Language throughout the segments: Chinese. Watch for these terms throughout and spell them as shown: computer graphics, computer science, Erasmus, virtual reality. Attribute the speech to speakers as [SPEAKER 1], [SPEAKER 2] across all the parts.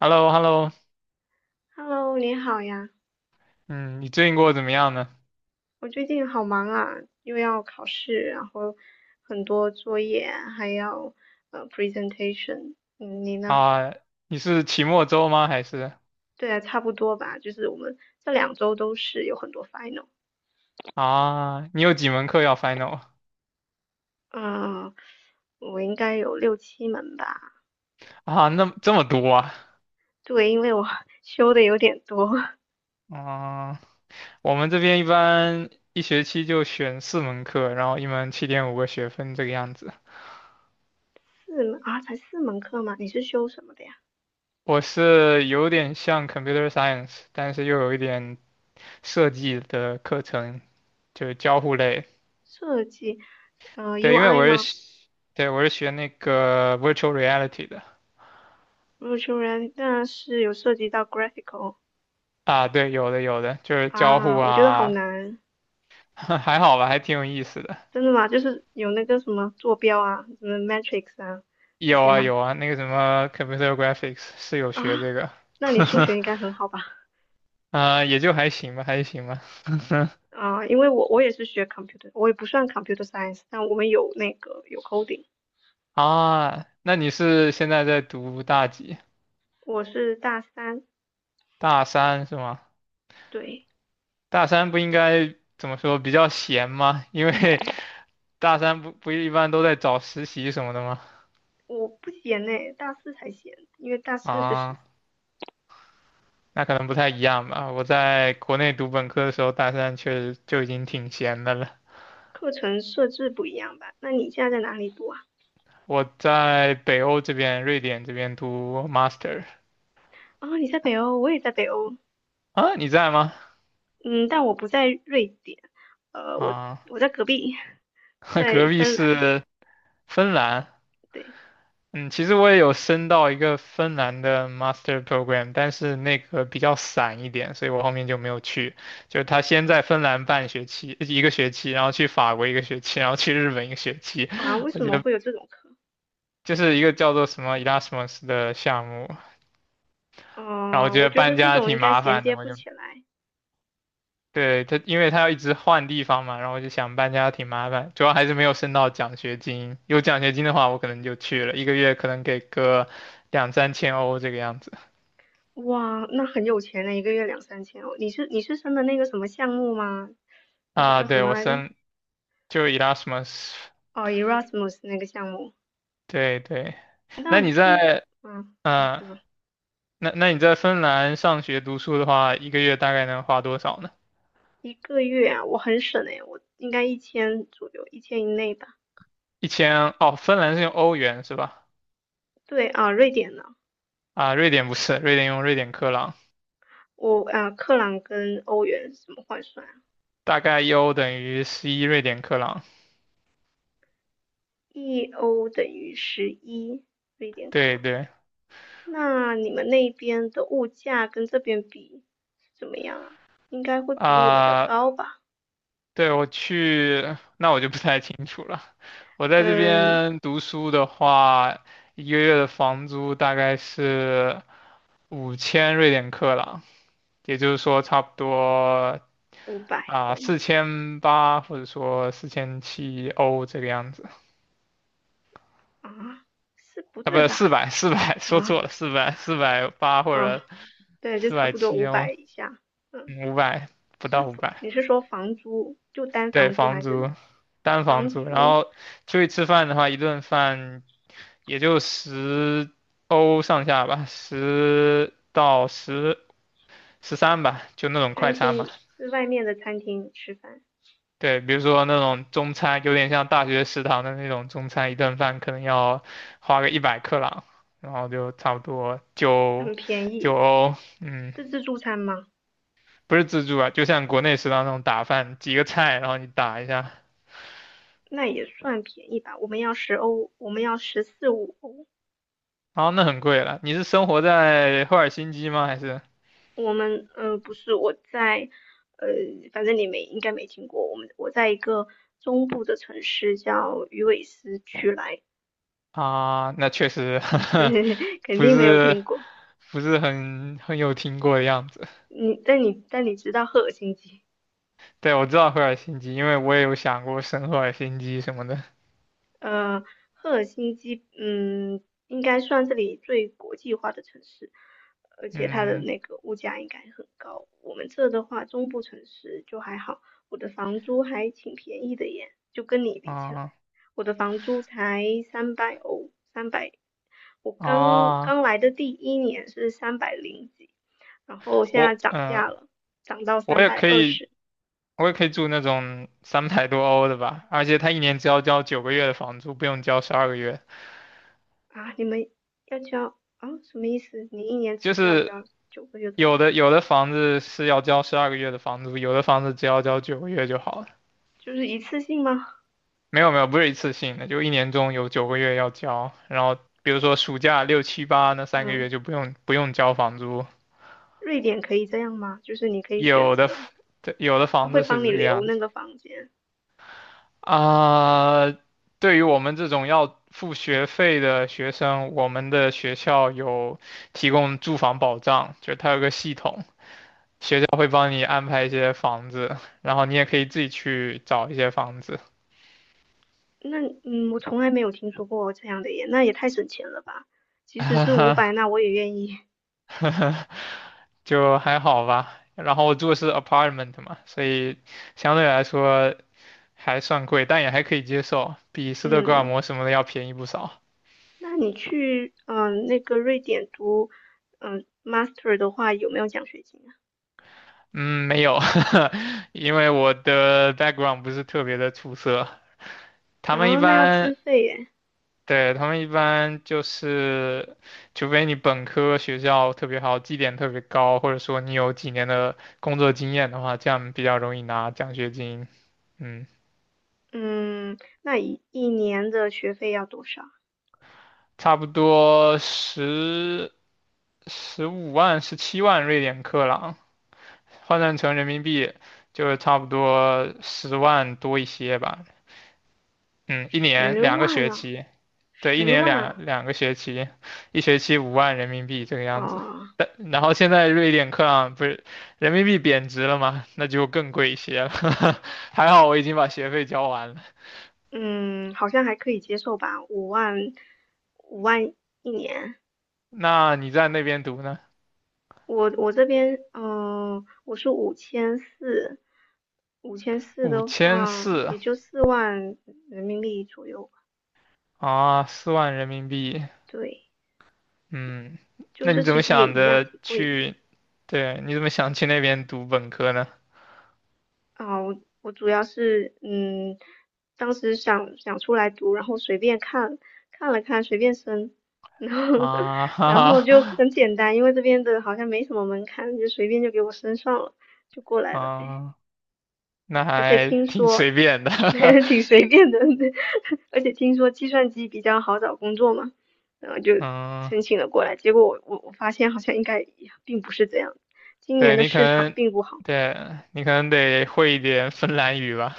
[SPEAKER 1] h e l l o h e l l o
[SPEAKER 2] Hello，你好呀。
[SPEAKER 1] 嗯，你最近过得怎么样呢？
[SPEAKER 2] 我最近好忙啊，又要考试，然后很多作业，还要presentation。嗯，你呢？
[SPEAKER 1] 啊，你是期末周吗？还是
[SPEAKER 2] 对啊，差不多吧，就是我们这2周都是有很多 final。
[SPEAKER 1] 啊，你有几门课要 final？
[SPEAKER 2] 嗯，我应该有六七门吧。
[SPEAKER 1] 啊？那么这么多啊？
[SPEAKER 2] 对，因为我 修的有点多。
[SPEAKER 1] 啊，我们这边一般一学期就选四门课，然后一门7.5个学分这个样子。
[SPEAKER 2] 四门啊，才四门课吗？你是修什么的呀？
[SPEAKER 1] 我是有点像 computer science，但是又有一点设计的课程，就是交互类。
[SPEAKER 2] 设计，
[SPEAKER 1] 对，因为
[SPEAKER 2] UI
[SPEAKER 1] 我是
[SPEAKER 2] 吗？
[SPEAKER 1] 学对，我是学那个 virtual reality 的。
[SPEAKER 2] v i r t u 是有涉及到 graphical。
[SPEAKER 1] 啊，对，有的有的，就是交互
[SPEAKER 2] 啊，我觉得好
[SPEAKER 1] 啊，
[SPEAKER 2] 难。
[SPEAKER 1] 还好吧，还挺有意思的。
[SPEAKER 2] 真的吗？就是有那个什么坐标啊，什么 matrix 啊这
[SPEAKER 1] 有
[SPEAKER 2] 些
[SPEAKER 1] 啊
[SPEAKER 2] 吗？
[SPEAKER 1] 有啊，那个什么 computer graphics 是有
[SPEAKER 2] 啊，
[SPEAKER 1] 学这个，
[SPEAKER 2] 那你数学应该很好吧？
[SPEAKER 1] 也就还行吧，还行吧。
[SPEAKER 2] 啊，因为我也是学 computer，我也不算 computer science，但我们有那个有 coding。
[SPEAKER 1] 啊，那你是现在在读大几？
[SPEAKER 2] 我是大三。
[SPEAKER 1] 大三是吗？
[SPEAKER 2] 对，
[SPEAKER 1] 大三不应该怎么说比较闲吗？因为大三不一般都在找实习什么的吗？
[SPEAKER 2] 我不闲呢，大四才闲，因为大四是
[SPEAKER 1] 啊，那可能不太一样吧。我在国内读本科的时候，大三确实就已经挺闲的了。
[SPEAKER 2] 课程设置不一样吧？那你现在在哪里读啊？
[SPEAKER 1] 我在北欧这边，瑞典这边读 master。
[SPEAKER 2] 啊，你在北欧，我也在北欧。
[SPEAKER 1] 啊，你在吗？
[SPEAKER 2] 嗯，但我不在瑞典。呃，我
[SPEAKER 1] 啊，
[SPEAKER 2] 我在隔壁，在
[SPEAKER 1] 隔壁
[SPEAKER 2] 芬兰。
[SPEAKER 1] 是芬兰。
[SPEAKER 2] 对。
[SPEAKER 1] 嗯，其实我也有申到一个芬兰的 master program，但是那个比较散一点，所以我后面就没有去。就是他先在芬兰半学期，一个学期，然后去法国一个学期，然后去日本一个学期。
[SPEAKER 2] 哇，为
[SPEAKER 1] 我
[SPEAKER 2] 什
[SPEAKER 1] 觉
[SPEAKER 2] 么
[SPEAKER 1] 得
[SPEAKER 2] 会有这种课？
[SPEAKER 1] 就是一个叫做什么 Erasmus 的项目，然后我
[SPEAKER 2] 哦，
[SPEAKER 1] 觉
[SPEAKER 2] 我
[SPEAKER 1] 得
[SPEAKER 2] 觉得
[SPEAKER 1] 搬
[SPEAKER 2] 这
[SPEAKER 1] 家
[SPEAKER 2] 种应
[SPEAKER 1] 挺
[SPEAKER 2] 该
[SPEAKER 1] 麻
[SPEAKER 2] 衔
[SPEAKER 1] 烦
[SPEAKER 2] 接
[SPEAKER 1] 的，
[SPEAKER 2] 不起来。
[SPEAKER 1] 对，因为他要一直换地方嘛，然后我就想搬家挺麻烦，主要还是没有升到奖学金。有奖学金的话，我可能就去了，一个月可能给个两三千欧这个样子。
[SPEAKER 2] 哇，那很有钱呢，一个月两三千哦。你是申的那个什么项目吗？那个
[SPEAKER 1] 啊，
[SPEAKER 2] 叫什
[SPEAKER 1] 对，
[SPEAKER 2] 么来着？
[SPEAKER 1] 就 Erasmus，
[SPEAKER 2] 哦，Erasmus 那个项目。
[SPEAKER 1] 对对。
[SPEAKER 2] 那
[SPEAKER 1] 那你
[SPEAKER 2] 就是，
[SPEAKER 1] 在，
[SPEAKER 2] 嗯嗯，
[SPEAKER 1] 嗯、
[SPEAKER 2] 什么
[SPEAKER 1] 那你在芬兰上学读书的话，一个月大概能花多少呢？
[SPEAKER 2] 一个月啊？我很省诶，我应该一千左右，一千以内吧。
[SPEAKER 1] 一千，哦，芬兰是用欧元是吧？
[SPEAKER 2] 对啊，瑞典呢？
[SPEAKER 1] 啊，瑞典不是，瑞典用瑞典克朗，
[SPEAKER 2] 我啊，克朗跟欧元是怎么换算啊？
[SPEAKER 1] 大概1欧等于11瑞典克朗。
[SPEAKER 2] 1欧等于十一瑞典克
[SPEAKER 1] 对
[SPEAKER 2] 朗。
[SPEAKER 1] 对。
[SPEAKER 2] 那你们那边的物价跟这边比怎么样啊？应该会比我们的
[SPEAKER 1] 啊、
[SPEAKER 2] 高吧？
[SPEAKER 1] 对，那我就不太清楚了。我在这
[SPEAKER 2] 嗯，
[SPEAKER 1] 边读书的话，一个月的房租大概是5000瑞典克朗，也就是说差不多
[SPEAKER 2] 五百欧
[SPEAKER 1] 4800或者说4700欧这个样子。
[SPEAKER 2] 啊，是不
[SPEAKER 1] 啊，不
[SPEAKER 2] 对
[SPEAKER 1] 是
[SPEAKER 2] 吧？
[SPEAKER 1] 四百，四百说
[SPEAKER 2] 啊。
[SPEAKER 1] 错了，四百八或
[SPEAKER 2] 嗯。
[SPEAKER 1] 者
[SPEAKER 2] 对，就
[SPEAKER 1] 四
[SPEAKER 2] 差
[SPEAKER 1] 百
[SPEAKER 2] 不多
[SPEAKER 1] 七
[SPEAKER 2] 五
[SPEAKER 1] 欧，
[SPEAKER 2] 百以下。嗯，
[SPEAKER 1] 五百不
[SPEAKER 2] 就
[SPEAKER 1] 到
[SPEAKER 2] 是
[SPEAKER 1] 五百。
[SPEAKER 2] 你是说房租，就单
[SPEAKER 1] 对，
[SPEAKER 2] 房租
[SPEAKER 1] 房
[SPEAKER 2] 还是
[SPEAKER 1] 租，单房
[SPEAKER 2] 房
[SPEAKER 1] 租，然
[SPEAKER 2] 租？
[SPEAKER 1] 后出去吃饭的话，一顿饭。也就10欧上下吧，十到十三吧，就那种
[SPEAKER 2] 餐
[SPEAKER 1] 快餐
[SPEAKER 2] 厅
[SPEAKER 1] 嘛。
[SPEAKER 2] 是外面的餐厅吃饭。
[SPEAKER 1] 对，比如说那种中餐，有点像大学食堂的那种中餐，一顿饭可能要花个100克朗，然后就差不多九
[SPEAKER 2] 很便
[SPEAKER 1] 九
[SPEAKER 2] 宜，
[SPEAKER 1] 欧，嗯，
[SPEAKER 2] 是自助餐吗？
[SPEAKER 1] 不是自助啊，就像国内食堂那种打饭，几个菜，然后你打一下，
[SPEAKER 2] 那也算便宜吧。我们要10欧，我们要十四五欧。
[SPEAKER 1] 然后那很贵了。你是生活在赫尔辛基吗？还是
[SPEAKER 2] 我们不是我在呃，反正你没应该没听过，我们我在一个中部的城市叫鱼尾狮区来。
[SPEAKER 1] 啊？那确实
[SPEAKER 2] 肯
[SPEAKER 1] 不
[SPEAKER 2] 定没有
[SPEAKER 1] 是。
[SPEAKER 2] 听过。
[SPEAKER 1] 不是很有听过的样子。
[SPEAKER 2] 你知道赫尔辛基？
[SPEAKER 1] 对，我知道赫尔辛基，因为我也有想过圣赫尔辛基什么的。
[SPEAKER 2] 呃，赫尔辛基应该算这里最国际化的城市，而且它的
[SPEAKER 1] 嗯
[SPEAKER 2] 那个物价应该很高。我们这的话，中部城市就还好，我的房租还挺便宜的耶，就跟你比起来。
[SPEAKER 1] 啊
[SPEAKER 2] 我的房租才300欧，三百，我刚
[SPEAKER 1] 啊，
[SPEAKER 2] 刚来的第一年是三百零几，然后现在
[SPEAKER 1] 我
[SPEAKER 2] 涨
[SPEAKER 1] 嗯、
[SPEAKER 2] 价
[SPEAKER 1] 呃
[SPEAKER 2] 了，涨到
[SPEAKER 1] 我
[SPEAKER 2] 三
[SPEAKER 1] 也
[SPEAKER 2] 百
[SPEAKER 1] 可
[SPEAKER 2] 二
[SPEAKER 1] 以，
[SPEAKER 2] 十
[SPEAKER 1] 我也可以住那种300多欧的吧，而且他一年只要交九个月的房租，不用交十二个月。
[SPEAKER 2] 啊！你们要交啊？什么意思？你一年只
[SPEAKER 1] 就
[SPEAKER 2] 需要
[SPEAKER 1] 是
[SPEAKER 2] 交9个月的房
[SPEAKER 1] 有
[SPEAKER 2] 租，
[SPEAKER 1] 的有的房子是要交十二个月的房租，有的房子只要交九个月就好了。
[SPEAKER 2] 就是一次性吗？
[SPEAKER 1] 没有没有，不是一次性的，就一年中有九个月要交，然后比如说暑假六七八那3个月
[SPEAKER 2] 嗯，
[SPEAKER 1] 就不用交房租，
[SPEAKER 2] 瑞典可以这样吗？就是你可以选
[SPEAKER 1] 有的
[SPEAKER 2] 择，
[SPEAKER 1] f- 对有的
[SPEAKER 2] 他
[SPEAKER 1] 房
[SPEAKER 2] 会
[SPEAKER 1] 子
[SPEAKER 2] 帮
[SPEAKER 1] 是
[SPEAKER 2] 你
[SPEAKER 1] 这个
[SPEAKER 2] 留
[SPEAKER 1] 样
[SPEAKER 2] 那
[SPEAKER 1] 子
[SPEAKER 2] 个房间。
[SPEAKER 1] 啊。对于我们这种要付学费的学生，我们的学校有提供住房保障，就是它有个系统，学校会帮你安排一些房子，然后你也可以自己去找一些房子。
[SPEAKER 2] 那我从来没有听说过这样的耶，那也太省钱了吧！即使是五百，那我也愿意。
[SPEAKER 1] 就还好吧。然后我住的是 apartment 嘛，所以相对来说还算贵，但也还可以接受，比斯德哥尔
[SPEAKER 2] 嗯。
[SPEAKER 1] 摩什么的要便宜不少。
[SPEAKER 2] 那你去那个瑞典读嗯呃 master 的话，有没有奖学金啊？
[SPEAKER 1] 嗯，没有，因为我的 background 不是特别的出色。他们一
[SPEAKER 2] 哦，那要
[SPEAKER 1] 般，
[SPEAKER 2] 自费耶。
[SPEAKER 1] 对，他们一般就是，除非你本科学校特别好，绩点特别高，或者说你有几年的工作经验的话，这样比较容易拿奖学金。嗯，
[SPEAKER 2] 嗯，那一年的学费要多少？
[SPEAKER 1] 差不多十五万、17万瑞典克朗，换算成人民币就差不多10万多一些吧。嗯，一年
[SPEAKER 2] 十
[SPEAKER 1] 两个
[SPEAKER 2] 万
[SPEAKER 1] 学
[SPEAKER 2] 啊，
[SPEAKER 1] 期，对，一
[SPEAKER 2] 十
[SPEAKER 1] 年
[SPEAKER 2] 万
[SPEAKER 1] 两
[SPEAKER 2] 啊。
[SPEAKER 1] 两个学期，一学期5万人民币这个样子。
[SPEAKER 2] 哦。
[SPEAKER 1] 但然后现在瑞典克朗不是人民币贬值了吗？那就更贵一些了。还好我已经把学费交完了。
[SPEAKER 2] 嗯，好像还可以接受吧，五万，五万一年。
[SPEAKER 1] 那你在那边读呢？
[SPEAKER 2] 我这边，我是五千四，五千四
[SPEAKER 1] 五
[SPEAKER 2] 的
[SPEAKER 1] 千
[SPEAKER 2] 话，
[SPEAKER 1] 四
[SPEAKER 2] 也就4万人民币左右吧。
[SPEAKER 1] 啊，4万人民币。
[SPEAKER 2] 对。
[SPEAKER 1] 嗯，
[SPEAKER 2] 就
[SPEAKER 1] 那你
[SPEAKER 2] 是
[SPEAKER 1] 怎
[SPEAKER 2] 其
[SPEAKER 1] 么
[SPEAKER 2] 实也
[SPEAKER 1] 想
[SPEAKER 2] 一样，
[SPEAKER 1] 的
[SPEAKER 2] 挺贵的
[SPEAKER 1] 去？对，你怎么想去那边读本科呢？
[SPEAKER 2] 啊。我主要是当时想想出来读，然后随便看看了看，随便申，然后
[SPEAKER 1] 啊
[SPEAKER 2] 然
[SPEAKER 1] 哈
[SPEAKER 2] 后就
[SPEAKER 1] 哈，
[SPEAKER 2] 很简单，因为这边的好像没什么门槛，就随便就给我申上了，就过 来了呗。
[SPEAKER 1] 啊，那
[SPEAKER 2] 而且
[SPEAKER 1] 还
[SPEAKER 2] 听
[SPEAKER 1] 挺
[SPEAKER 2] 说
[SPEAKER 1] 随便的，
[SPEAKER 2] 挺随便的，而且听说计算机比较好找工作嘛，然后就
[SPEAKER 1] 嗯，
[SPEAKER 2] 申请了过来。结果我发现好像应该并不是这样，今年
[SPEAKER 1] 对
[SPEAKER 2] 的
[SPEAKER 1] 你可
[SPEAKER 2] 市场
[SPEAKER 1] 能，
[SPEAKER 2] 并不好。
[SPEAKER 1] 对你可能得会一点芬兰语吧，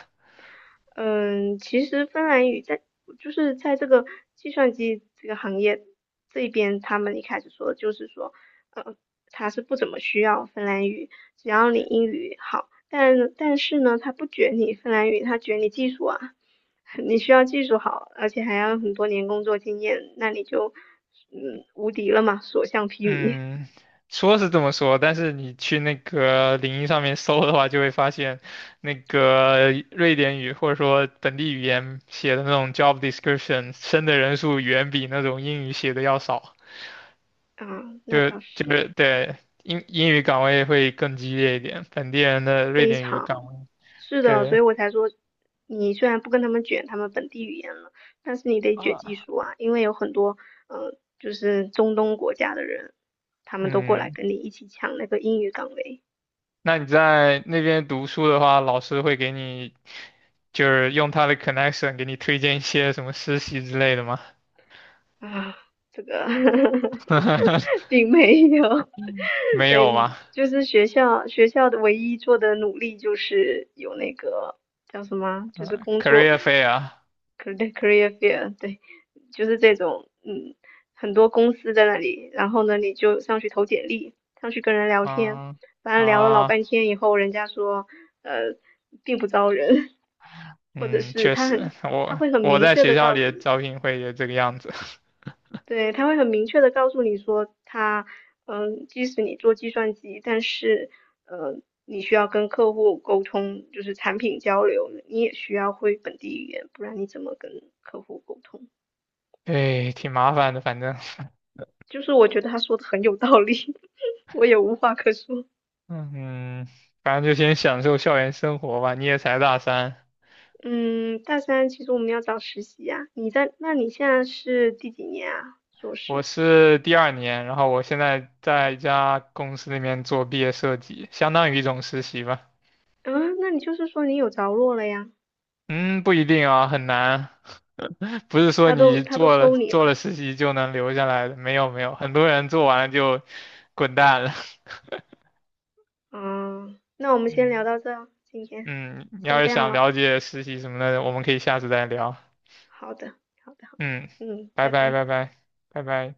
[SPEAKER 2] 嗯，其实芬兰语在就是在这个计算机这个行业这边，他们一开始说就是说，呃，他是不怎么需要芬兰语，只要你英语好，但是呢，他不卷你芬兰语，他卷你技术啊，你需要技术好，而且还要很多年工作经验，那你就无敌了嘛，所向披靡。
[SPEAKER 1] 嗯，说是这么说，但是你去那个领英上面搜的话，就会发现那个瑞典语或者说本地语言写的那种 job description，升的人数远比那种英语写的要少。
[SPEAKER 2] 啊，那
[SPEAKER 1] 就
[SPEAKER 2] 倒
[SPEAKER 1] 就
[SPEAKER 2] 是。
[SPEAKER 1] 是对英语岗位会更激烈一点，本地人的瑞
[SPEAKER 2] 非
[SPEAKER 1] 典语的岗
[SPEAKER 2] 常，
[SPEAKER 1] 位，
[SPEAKER 2] 是的，所
[SPEAKER 1] 对
[SPEAKER 2] 以我才说，你虽然不跟他们卷他们本地语言了，但是你得卷技
[SPEAKER 1] 啊，
[SPEAKER 2] 术啊，因为有很多，就是中东国家的人，他们都过来
[SPEAKER 1] 嗯，
[SPEAKER 2] 跟你一起抢那个英语岗位。
[SPEAKER 1] 那你在那边读书的话，老师会给你就是用他的 connection 给你推荐一些什么实习之类的吗？
[SPEAKER 2] 啊，这个 并没有。
[SPEAKER 1] 没有
[SPEAKER 2] 对，
[SPEAKER 1] 吗？
[SPEAKER 2] 就是学校的唯一做的努力就是有那个叫什么啊，就是
[SPEAKER 1] 嗯
[SPEAKER 2] 工作
[SPEAKER 1] ，career fair，
[SPEAKER 2] career fair。对，就是这种。嗯，很多公司在那里，然后呢，你就上去投简历，上去跟人聊天，
[SPEAKER 1] 嗯
[SPEAKER 2] 反正聊了老
[SPEAKER 1] 啊，
[SPEAKER 2] 半天以后，人家说，呃，并不招人。或者
[SPEAKER 1] 嗯，
[SPEAKER 2] 是
[SPEAKER 1] 确
[SPEAKER 2] 他很，
[SPEAKER 1] 实，
[SPEAKER 2] 他
[SPEAKER 1] 我
[SPEAKER 2] 会很
[SPEAKER 1] 我
[SPEAKER 2] 明
[SPEAKER 1] 在
[SPEAKER 2] 确
[SPEAKER 1] 学
[SPEAKER 2] 的
[SPEAKER 1] 校
[SPEAKER 2] 告
[SPEAKER 1] 里
[SPEAKER 2] 诉
[SPEAKER 1] 的
[SPEAKER 2] 你。
[SPEAKER 1] 招聘会也这个样子，
[SPEAKER 2] 对，他会很明确的告诉你说他，即使你做计算机，但是，你需要跟客户沟通，就是产品交流，你也需要会本地语言，不然你怎么跟客户沟通？
[SPEAKER 1] 对，挺麻烦的，反正。
[SPEAKER 2] 就是我觉得他说的很有道理，我也无话可说。
[SPEAKER 1] 嗯，反正就先享受校园生活吧。你也才大三，
[SPEAKER 2] 嗯，大三其实我们要找实习呀、你在，那你现在是第几年啊？硕
[SPEAKER 1] 我
[SPEAKER 2] 士？
[SPEAKER 1] 是第二年，然后我现在在一家公司里面做毕业设计，相当于一种实习吧。
[SPEAKER 2] 嗯，那你就是说你有着落了呀？
[SPEAKER 1] 嗯，不一定啊，很难，不是说
[SPEAKER 2] 他都
[SPEAKER 1] 你
[SPEAKER 2] 他都
[SPEAKER 1] 做了
[SPEAKER 2] 收你
[SPEAKER 1] 做了
[SPEAKER 2] 了。
[SPEAKER 1] 实习就能留下来的，没有没有，很多人做完了就滚蛋了。
[SPEAKER 2] 嗯，那我们先聊
[SPEAKER 1] 嗯
[SPEAKER 2] 到这儿，今天
[SPEAKER 1] 嗯，你
[SPEAKER 2] 先
[SPEAKER 1] 要是
[SPEAKER 2] 这样
[SPEAKER 1] 想
[SPEAKER 2] 了。
[SPEAKER 1] 了解实习什么的，我们可以下次再聊。
[SPEAKER 2] 好的，好的，好的。
[SPEAKER 1] 嗯，
[SPEAKER 2] 嗯，
[SPEAKER 1] 拜
[SPEAKER 2] 拜
[SPEAKER 1] 拜
[SPEAKER 2] 拜。
[SPEAKER 1] 拜拜拜拜。